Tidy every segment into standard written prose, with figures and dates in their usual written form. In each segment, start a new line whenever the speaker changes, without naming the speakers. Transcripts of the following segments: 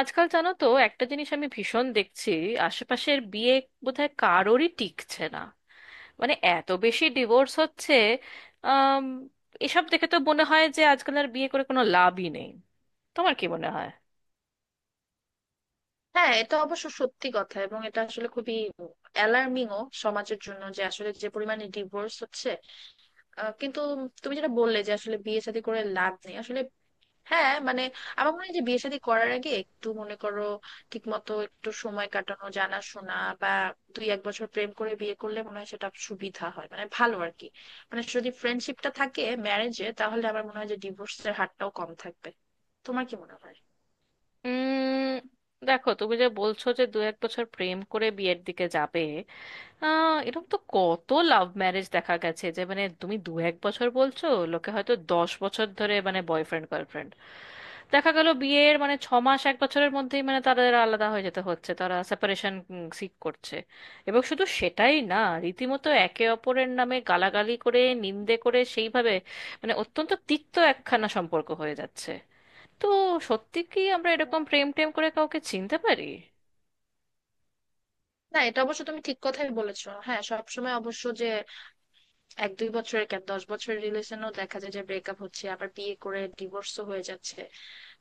আজকাল জানো তো একটা জিনিস আমি ভীষণ দেখছি। আশেপাশের বিয়ে বোধহয় কারোরই টিকছে না। মানে এত বেশি ডিভোর্স হচ্ছে। আম, এসব দেখে তো মনে হয় যে আজকাল আর বিয়ে করে কোনো লাভই নেই। তোমার কি মনে হয়?
হ্যাঁ, এটা অবশ্য সত্যি কথা। এবং এটা আসলে খুবই অ্যালার্মিং ও সমাজের জন্য, যে আসলে যে পরিমাণে ডিভোর্স হচ্ছে। কিন্তু তুমি যেটা বললে যে আসলে বিয়ে শাদী করে লাভ নেই, আসলে হ্যাঁ মানে আমার মনে হয় যে বিয়ে শাদী করার আগে একটু মনে করো ঠিক মতো একটু সময় কাটানো, জানাশোনা, বা দুই এক বছর প্রেম করে বিয়ে করলে মনে হয় সেটা সুবিধা হয়, মানে ভালো আর কি। মানে যদি ফ্রেন্ডশিপটা থাকে ম্যারেজে, তাহলে আমার মনে হয় যে ডিভোর্সের হারটাও কম থাকবে। তোমার কি মনে হয়?
উম, দেখো, তুমি যে বলছো যে দু এক বছর প্রেম করে বিয়ের দিকে যাবে। এরকম তো কত লাভ ম্যারেজ দেখা গেছে যে মানে তুমি দু এক বছর বলছো, লোকে হয়তো 10 বছর ধরে মানে বয়ফ্রেন্ড গার্লফ্রেন্ড। দেখা গেল বিয়ের মানে ছ মাস এক বছরের মধ্যেই মানে তাদের আলাদা হয়ে যেতে হচ্ছে, তারা সেপারেশন সিক করছে। এবং শুধু সেটাই না, রীতিমতো একে অপরের নামে গালাগালি করে নিন্দে করে সেইভাবে মানে অত্যন্ত তিক্ত একখানা সম্পর্ক হয়ে যাচ্ছে। তো সত্যি কি আমরা এরকম প্রেম টেম করে কাউকে চিনতে পারি?
না এটা অবশ্য তুমি ঠিক কথাই বলেছো, হ্যাঁ। সবসময় অবশ্য এক দুই বছরের কেন, 10 বছরের রিলেশনেও দেখা যায় যে ব্রেকআপ হচ্ছে, আবার বিয়ে করে ডিভোর্সও হয়ে যাচ্ছে।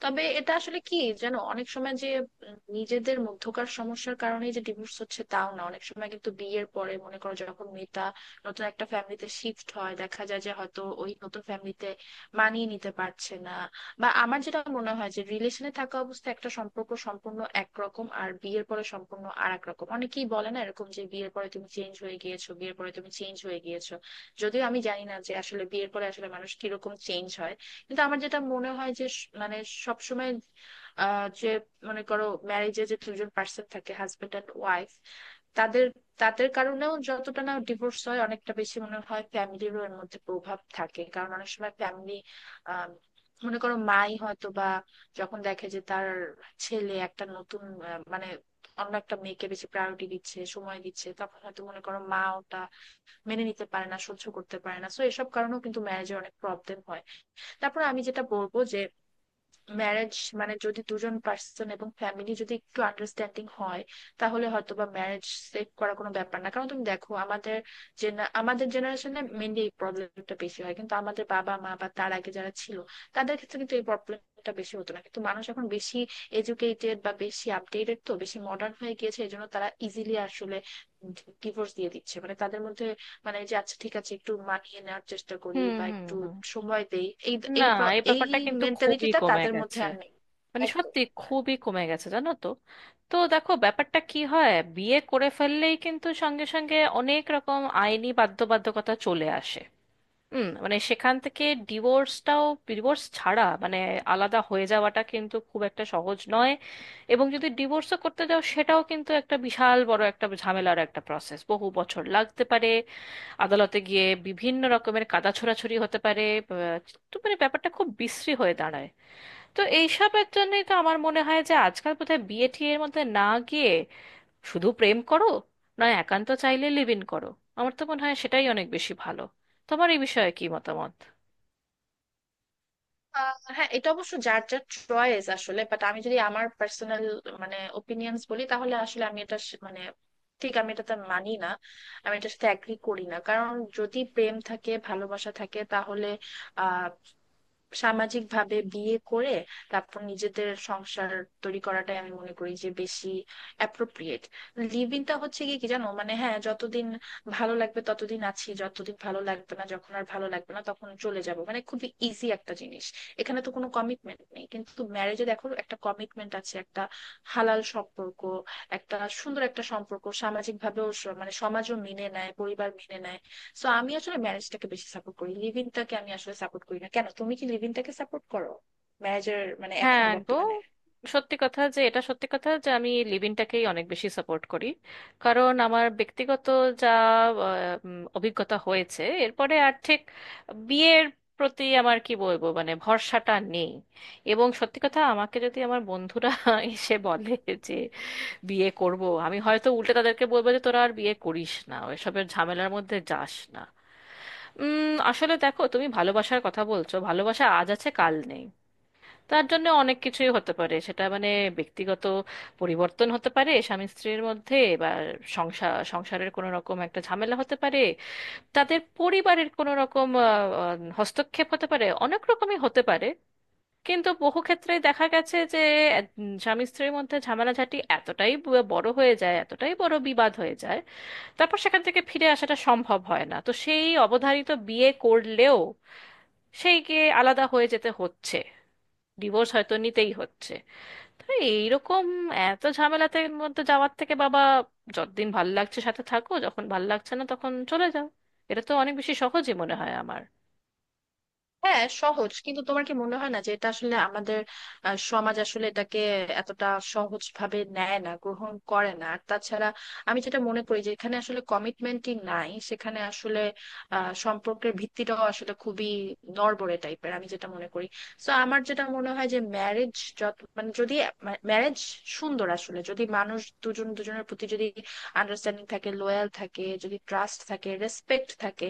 তবে এটা আসলে কি, যেন অনেক সময় যে নিজেদের মধ্যকার সমস্যার কারণে যে ডিভোর্স হচ্ছে তাও না, অনেক সময় কিন্তু বিয়ের পরে মনে করো যখন মেয়েটা নতুন একটা ফ্যামিলিতে শিফট হয়, দেখা যায় যে হয়তো ওই নতুন ফ্যামিলিতে মানিয়ে নিতে পারছে না। বা আমার যেটা মনে হয় যে রিলেশনে থাকা অবস্থায় একটা সম্পর্ক সম্পূর্ণ একরকম, আর বিয়ের পরে সম্পূর্ণ আর এক রকম। অনেকেই বলে না এরকম যে বিয়ের পরে তুমি চেঞ্জ হয়ে গিয়েছো, বিয়ের পরে তুমি চেঞ্জ হয়ে গিয়েছো। যদিও আমি জানি না যে আসলে বিয়ের পরে আসলে মানুষ কিরকম চেঞ্জ হয়। কিন্তু আমার যেটা মনে হয় যে মানে সবসময় যে মনে করো ম্যারেজে যে দুজন পার্সন থাকে, হাজবেন্ড অ্যান্ড ওয়াইফ, তাদের তাদের কারণেও যতটা না ডিভোর্স হয়, অনেকটা বেশি মনে হয় ফ্যামিলিরও এর মধ্যে প্রভাব থাকে। কারণ অনেক সময় ফ্যামিলি, মনে করো মাই হয়তো বা যখন দেখে যে তার ছেলে একটা নতুন মানে অন্য একটা মেয়েকে বেশি প্রায়োরিটি দিচ্ছে, সময় দিচ্ছে, তখন হয়তো মনে করো মা ওটা মেনে নিতে পারে না, সহ্য করতে পারে না। তো এসব কারণেও কিন্তু ম্যারেজে অনেক প্রবলেম হয়। তারপর আমি যেটা বলবো যে ম্যারেজ, মানে যদি দুজন পার্সন এবং ফ্যামিলি যদি একটু আন্ডারস্ট্যান্ডিং হয়, তাহলে হয়তো বা ম্যারেজ সেভ করা কোনো ব্যাপার না। কারণ তুমি দেখো আমাদের আমাদের জেনারেশনে মেনলি এই প্রবলেমটা বেশি হয়, কিন্তু আমাদের বাবা মা বা তার আগে যারা ছিল তাদের ক্ষেত্রে কিন্তু এই প্রবলেমটা বেশি হতো না। কিন্তু মানুষ এখন বেশি এডুকেটেড বা বেশি আপডেটেড, তো বেশি মডার্ন হয়ে গিয়েছে, এই জন্য তারা ইজিলি আসলে ডিভোর্স দিয়ে দিচ্ছে। মানে তাদের মধ্যে মানে যে আচ্ছা ঠিক আছে একটু মানিয়ে নেওয়ার চেষ্টা করি
হুম,
বা
হুম,
একটু
হুম।
সময় দেই, এই
না,
এই প্র-
এই
এই
ব্যাপারটা কিন্তু খুবই
মেন্টালিটিটা
কমে
তাদের মধ্যে
গেছে।
আর নেই।
মানে
একদম।
সত্যি
হ্যাঁ।
খুবই কমে গেছে, জানো তো। তো দেখো, ব্যাপারটা কি হয়, বিয়ে করে ফেললেই কিন্তু সঙ্গে সঙ্গে অনেক রকম আইনি বাধ্যবাধকতা চলে আসে। হুম, মানে সেখান থেকে ডিভোর্সটাও, ডিভোর্স ছাড়া মানে আলাদা হয়ে যাওয়াটা কিন্তু খুব একটা সহজ নয়। এবং যদি ডিভোর্সও করতে যাও, সেটাও কিন্তু একটা বিশাল বড় একটা ঝামেলার একটা প্রসেস, বহু বছর লাগতে পারে। আদালতে গিয়ে বিভিন্ন রকমের কাদা ছোড়াছুড়ি হতে পারে। আহ, তো মানে ব্যাপারটা খুব বিশ্রী হয়ে দাঁড়ায়। তো এইসবের জন্যই তো আমার মনে হয় যে আজকাল বোধহয় বিয়ে টিয়ের মধ্যে না গিয়ে শুধু প্রেম করো, নয় একান্ত চাইলে লিভ ইন করো। আমার তো মনে হয় সেটাই অনেক বেশি ভালো। তোমার এই বিষয়ে কি মতামত?
হ্যাঁ এটা অবশ্য যার যার চয়েস আসলে, বাট আমি যদি আমার পার্সোনাল মানে ওপিনিয়ন্স বলি, তাহলে আসলে আমি এটা মানে ঠিক আমি এটাতে মানি না, আমি এটার সাথে অ্যাগ্রি করি না। কারণ যদি প্রেম থাকে ভালোবাসা থাকে, তাহলে আহ সামাজিকভাবে বিয়ে করে তারপর নিজেদের সংসার তৈরি করাটাই আমি মনে করি যে বেশি অ্যাপ্রোপ্রিয়েট। লিভ ইনটা হচ্ছে কি কি জানো, মানে হ্যাঁ যতদিন ভালো লাগবে ততদিন আছি, যতদিন ভালো লাগবে না, যখন আর ভালো লাগবে না তখন চলে যাব, মানে খুবই ইজি একটা জিনিস। এখানে তো কোনো কমিটমেন্ট নেই। কিন্তু ম্যারেজে দেখো একটা কমিটমেন্ট আছে, একটা হালাল সম্পর্ক, একটা সুন্দর একটা সম্পর্ক, সামাজিক ভাবেও মানে সমাজও মেনে নেয়, পরিবার মেনে নেয়। সো আমি আসলে ম্যারেজটাকে বেশি সাপোর্ট করি, লিভ ইনটাকে আমি আসলে সাপোর্ট করি না। কেন, তুমি কি লিভ ইনটাকে সাপোর্ট করো ম্যারেজের, মানে এখন
হ্যাঁ গো,
বর্তমানে?
সত্যি কথা, যে এটা সত্যি কথা যে আমি লিভ ইনটাকেই অনেক বেশি সাপোর্ট করি। কারণ আমার ব্যক্তিগত যা অভিজ্ঞতা হয়েছে এরপরে আর ঠিক বিয়ের প্রতি আমার কি বলবো মানে ভরসাটা নেই। এবং সত্যি কথা, আমাকে যদি আমার বন্ধুরা এসে বলে যে বিয়ে করব, আমি হয়তো উল্টে তাদেরকে বলবো যে তোরা আর বিয়ে করিস না, এসবের ঝামেলার মধ্যে যাস না। আসলে দেখো, তুমি ভালোবাসার কথা বলছো, ভালোবাসা আজ আছে কাল নেই। তার জন্য অনেক কিছুই হতে পারে, সেটা মানে ব্যক্তিগত পরিবর্তন হতে পারে স্বামী স্ত্রীর মধ্যে, বা সংসার সংসারের কোনো রকম একটা ঝামেলা হতে পারে, তাদের পরিবারের কোনো রকম আহ, আহ, হস্তক্ষেপ হতে পারে, অনেক রকমই হতে পারে। কিন্তু বহু ক্ষেত্রে দেখা গেছে যে স্বামী স্ত্রীর মধ্যে ঝামেলাঝাটি এতটাই বড় হয়ে যায়, এতটাই বড় বিবাদ হয়ে যায়, তারপর সেখান থেকে ফিরে আসাটা সম্ভব হয় না, তো সেই অবধারিত বিয়ে করলেও সেইকে আলাদা হয়ে যেতে হচ্ছে, ডিভোর্স হয়তো নিতেই হচ্ছে। তো এইরকম এত ঝামেলাতে মধ্যে যাওয়ার থেকে বাবা, যতদিন ভাল লাগছে সাথে থাকো, যখন ভাল লাগছে না তখন চলে যাও, এটা তো অনেক বেশি সহজই মনে হয় আমার।
হ্যাঁ সহজ, কিন্তু তোমার কি মনে হয় না যে এটা আসলে আমাদের সমাজ আসলে এটাকে এতটা সহজ ভাবে নেয় না, গ্রহণ করে না? আর তাছাড়া আমি যেটা মনে করি যে এখানে আসলে কমিটমেন্টই নাই, সেখানে আসলে সম্পর্কের ভিত্তিটাও আসলে খুবই নড়বড়ে টাইপের আমি যেটা মনে করি। তো আমার যেটা মনে হয় যে ম্যারেজ যত মানে যদি ম্যারেজ সুন্দর, আসলে যদি মানুষ দুজন দুজনের প্রতি যদি আন্ডারস্ট্যান্ডিং থাকে, লোয়াল থাকে, যদি ট্রাস্ট থাকে রেসপেক্ট থাকে,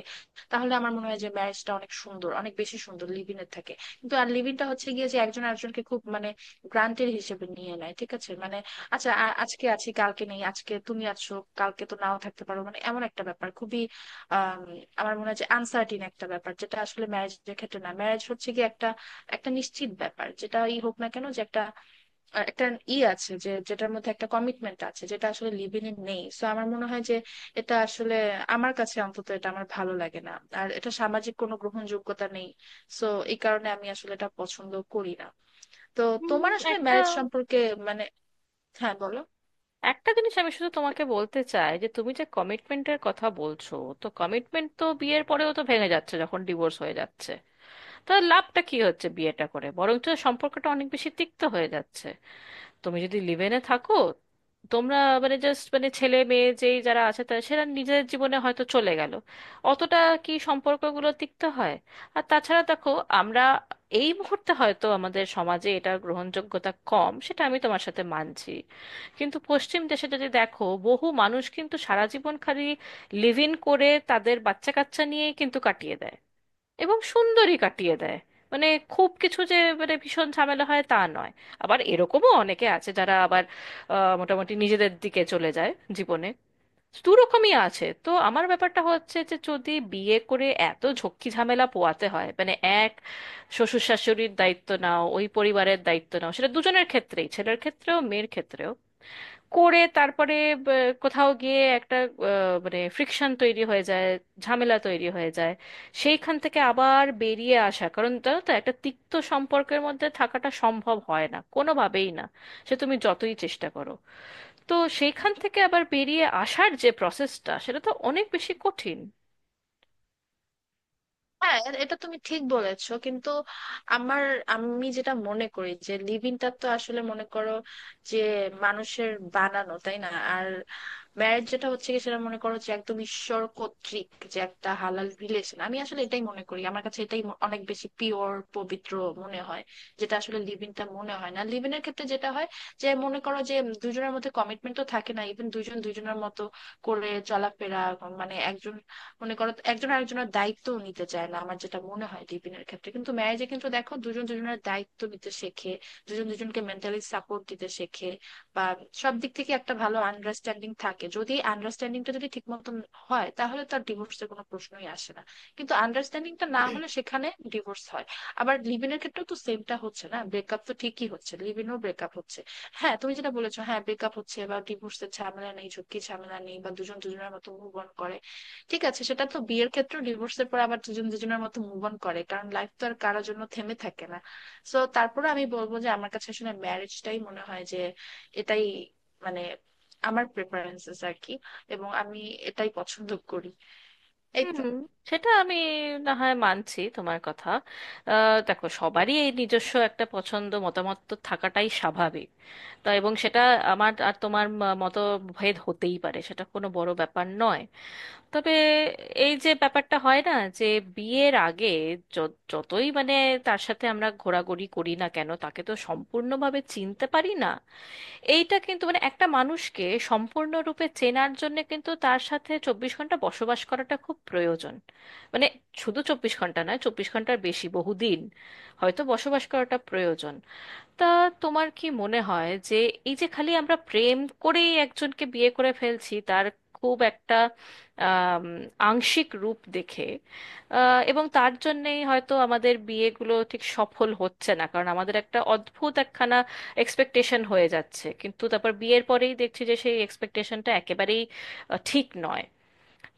তাহলে আমার মনে হয় যে ম্যারেজটা অনেক সুন্দর, অনেক বেশি সুন্দর লিভিং এর থেকে। কিন্তু আর লিভিংটা হচ্ছে গিয়ে যে একজন আরেকজনকে খুব মানে গ্রান্টেড হিসেবে নিয়ে নেয়, ঠিক আছে মানে আচ্ছা আজকে আছি কালকে নেই, আজকে তুমি আছো কালকে তো নাও থাকতে পারো, মানে এমন একটা ব্যাপার খুবই আম, আমার মনে হয় যে আনসার্টিন একটা ব্যাপার, যেটা আসলে ম্যারেজের ক্ষেত্রে না। ম্যারেজ হচ্ছে গিয়ে একটা, একটা নিশ্চিত ব্যাপার যেটাই হোক না কেন, যে একটা একটা ই আছে, যে যেটার মধ্যে একটা কমিটমেন্ট আছে, যেটা আসলে লিভিং এ নেই। সো আমার মনে হয় যে এটা আসলে আমার কাছে অন্তত এটা আমার ভালো লাগে না, আর এটা সামাজিক কোনো গ্রহণযোগ্যতা নেই। সো এই কারণে আমি আসলে এটা পছন্দ করি না। তো তোমার আসলে
একটা
ম্যারেজ সম্পর্কে মানে, হ্যাঁ বলো।
একটা জিনিস আমি শুধু তোমাকে বলতে চাই যে তুমি যে কমিটমেন্টের কথা বলছো, তো কমিটমেন্ট তো বিয়ের পরেও তো ভেঙে যাচ্ছে যখন ডিভোর্স হয়ে যাচ্ছে। তাহলে লাভটা কি হচ্ছে, বিয়েটা করে বরঞ্চ সম্পর্কটা অনেক বেশি তিক্ত হয়ে যাচ্ছে। তুমি যদি লিভেনে থাকো তোমরা মানে জাস্ট মানে ছেলে মেয়ে যেই যারা আছে তারা সেরা নিজের জীবনে হয়তো চলে গেল, অতটা কি সম্পর্কগুলো তিক্ত হয়? আর তাছাড়া দেখো, আমরা এই মুহূর্তে হয়তো আমাদের সমাজে এটা গ্রহণযোগ্যতা কম, সেটা আমি তোমার সাথে মানছি। কিন্তু পশ্চিম দেশে যদি দেখো, বহু মানুষ কিন্তু সারা জীবন খালি লিভ ইন করে তাদের বাচ্চা কাচ্চা নিয়েই কিন্তু কাটিয়ে দেয়, এবং সুন্দরই কাটিয়ে দেয়। মানে খুব কিছু যে মানে ভীষণ ঝামেলা হয় তা নয়। আবার এরকমও অনেকে আছে যারা আবার মোটামুটি নিজেদের দিকে চলে যায় জীবনে। দু রকমই আছে। তো আমার ব্যাপারটা হচ্ছে যে যদি বিয়ে করে এত ঝক্কি ঝামেলা পোয়াতে হয়, মানে এক শ্বশুর শাশুড়ির দায়িত্ব নাও, ওই পরিবারের দায়িত্ব নাও, সেটা দুজনের ক্ষেত্রেই ছেলের ক্ষেত্রেও মেয়ের ক্ষেত্রেও করে তারপরে ব- কোথাও গিয়ে একটা মানে ফ্রিকশন তৈরি হয়ে যায়, ঝামেলা তৈরি হয়ে যায়। সেইখান থেকে আবার বেরিয়ে আসা, কারণ জানো তো একটা তিক্ত সম্পর্কের মধ্যে থাকাটা সম্ভব হয় না কোনোভাবেই না, সে তুমি যতই চেষ্টা করো। তো সেইখান থেকে আবার বেরিয়ে আসার যে প্রসেসটা সেটা তো অনেক বেশি কঠিন।
হ্যাঁ, এটা তুমি ঠিক বলেছো, কিন্তু আমার আমি যেটা মনে করি যে লিভিংটা তো আসলে মনে করো যে মানুষের বানানো, তাই না? আর ম্যারেজ যেটা হচ্ছে কি, সেটা মনে করো যে একদম ঈশ্বর কর্তৃক যে একটা হালাল রিলেশন, আমি আসলে এটাই মনে করি। আমার কাছে এটাই ম- অনেক বেশি পিওর পবিত্র মনে হয়। যেটা আসলে লিভিংটা মনে হয় না। লিভিনের ক্ষেত্রে যেটা হয়, যে মনে করো যে দুজনের মধ্যে কমিটমেন্ট তো থাকে না, ইভেন দুজন দুজনের মতো করে চলাফেরা, মানে একজন মনে করো একজন আরেকজনের দায়িত্ব নিতে চায় না আমার যেটা মনে হয় লিভিনের ক্ষেত্রে। কিন্তু ম্যারেজে কিন্তু দেখো দুজন দুজনের দায়িত্ব নিতে শেখে, দুজন দুজনকে মেন্টালি সাপোর্ট দিতে শেখে, বা সব দিক থেকে একটা ভালো আন্ডারস্ট্যান্ডিং থাকে। যদি এই আন্ডারস্ট্যান্ডিংটা যদি ঠিক মতন হয়, তাহলে তার ডিভোর্সের কোনো প্রশ্নই আসে না। কিন্তু আন্ডারস্ট্যান্ডিংটা না হলে সেখানে ডিভোর্স হয়। আবার লিভ ইনের ক্ষেত্রেও তো সেমটা হচ্ছে না, ব্রেকআপ তো ঠিকই হচ্ছে, লিভ ইনও ব্রেকআপ হচ্ছে। হ্যাঁ তুমি যেটা বলেছো, হ্যাঁ ব্রেকআপ হচ্ছে বা ডিভোর্সের ঝামেলা নেই, ঝুঁকি ঝামেলা নেই, বা দুজন দুজনের মতো মুভ অন করে, ঠিক আছে, সেটা তো বিয়ের ক্ষেত্রেও ডিভোর্সের পর আবার দুজন দুজনের মতো মুভ অন করে, কারণ লাইফ তো আর কারোর জন্য থেমে থাকে না। সো তারপরে আমি বলবো যে আমার কাছে আসলে ম্যারেজটাই মনে হয় যে এটাই, মানে আমার প্রেফারেন্সেস আর কি, এবং আমি এটাই পছন্দ করি। এই তো।
হুম, সেটা আমি না হয় মানছি তোমার কথা। দেখো, সবারই এই নিজস্ব একটা পছন্দ মতামত তো থাকাটাই স্বাভাবিক, তা এবং সেটা আমার আর তোমার মতভেদ হতেই পারে, সেটা কোনো বড় ব্যাপার নয়। তবে এই যে ব্যাপারটা হয় না, যে বিয়ের আগে যতই মানে তার সাথে আমরা ঘোরাঘুরি করি না কেন, তাকে তো সম্পূর্ণভাবে চিনতে পারি না। এইটা কিন্তু মানে একটা মানুষকে সম্পূর্ণরূপে চেনার জন্য কিন্তু তার সাথে 24 ঘন্টা বসবাস করাটা খুব প্রয়োজন। মানে শুধু 24 ঘন্টা নয়, 24 ঘন্টার বেশি বহুদিন হয়তো বসবাস করাটা প্রয়োজন। তা তোমার কি মনে হয় যে এই যে খালি আমরা প্রেম করেই একজনকে বিয়ে করে ফেলছি তার খুব একটা আম, আংশিক রূপ দেখে, এবং তার জন্যেই হয়তো আমাদের বিয়েগুলো ঠিক সফল হচ্ছে না, কারণ আমাদের একটা অদ্ভুত একখানা এক্সপেকটেশন হয়ে যাচ্ছে কিন্তু তারপর বিয়ের পরেই দেখছি যে সেই এক্সপেকটেশনটা একেবারেই ঠিক নয়।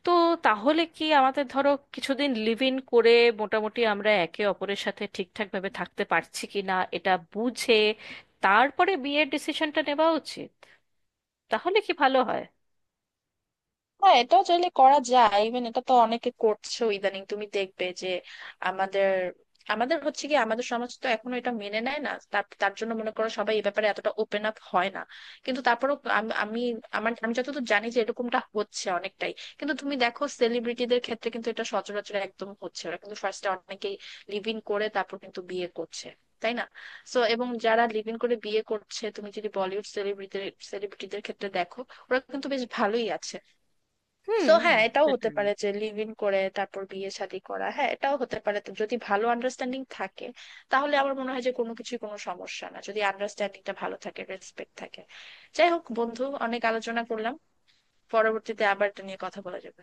তো তাহলে কি আমাদের ধরো কিছুদিন লিভ ইন করে মোটামুটি আমরা একে অপরের সাথে ঠিকঠাকভাবে থাকতে পারছি কি না এটা বুঝে তারপরে বিয়ের ডিসিশনটা নেওয়া উচিত? তাহলে কি ভালো হয়?
না এটা চাইলে করা যায়, ইভেন এটা তো অনেকে করছে ইদানিং, তুমি দেখবে যে আমাদের আমাদের হচ্ছে কি, আমাদের সমাজ তো এখনো এটা মেনে নেয় না, তার তার জন্য মনে করো সবাই এই ব্যাপারে এতটা ওপেন আপ হয় না। কিন্তু তারপরেও আমি, আমি যতদূর জানি যে এরকমটা হচ্ছে অনেকটাই। কিন্তু তুমি দেখো সেলিব্রিটিদের ক্ষেত্রে কিন্তু এটা সচরাচর একদম হচ্ছে, ওরা কিন্তু ফার্স্টে অনেকেই লিভ ইন করে তারপর কিন্তু বিয়ে করছে, তাই না? সো এবং যারা লিভ ইন করে বিয়ে করছে তুমি যদি বলিউড সেলিব্রিটিদের সেলিব্রিটিদের ক্ষেত্রে দেখো, ওরা কিন্তু বেশ ভালোই আছে। সো
হুম,
হ্যাঁ এটাও হতে
সেটাই।
পারে যে লিভ ইন করে তারপর বিয়ে শাদী করা, হ্যাঁ এটাও হতে পারে। তো যদি ভালো আন্ডারস্ট্যান্ডিং থাকে, তাহলে আমার মনে হয় যে কোনো কিছুই কোনো সমস্যা না, যদি আন্ডারস্ট্যান্ডিংটা ভালো থাকে, রেসপেক্ট থাকে। যাই হোক বন্ধু, অনেক আলোচনা করলাম, পরবর্তীতে আবার এটা নিয়ে কথা বলা যাবে।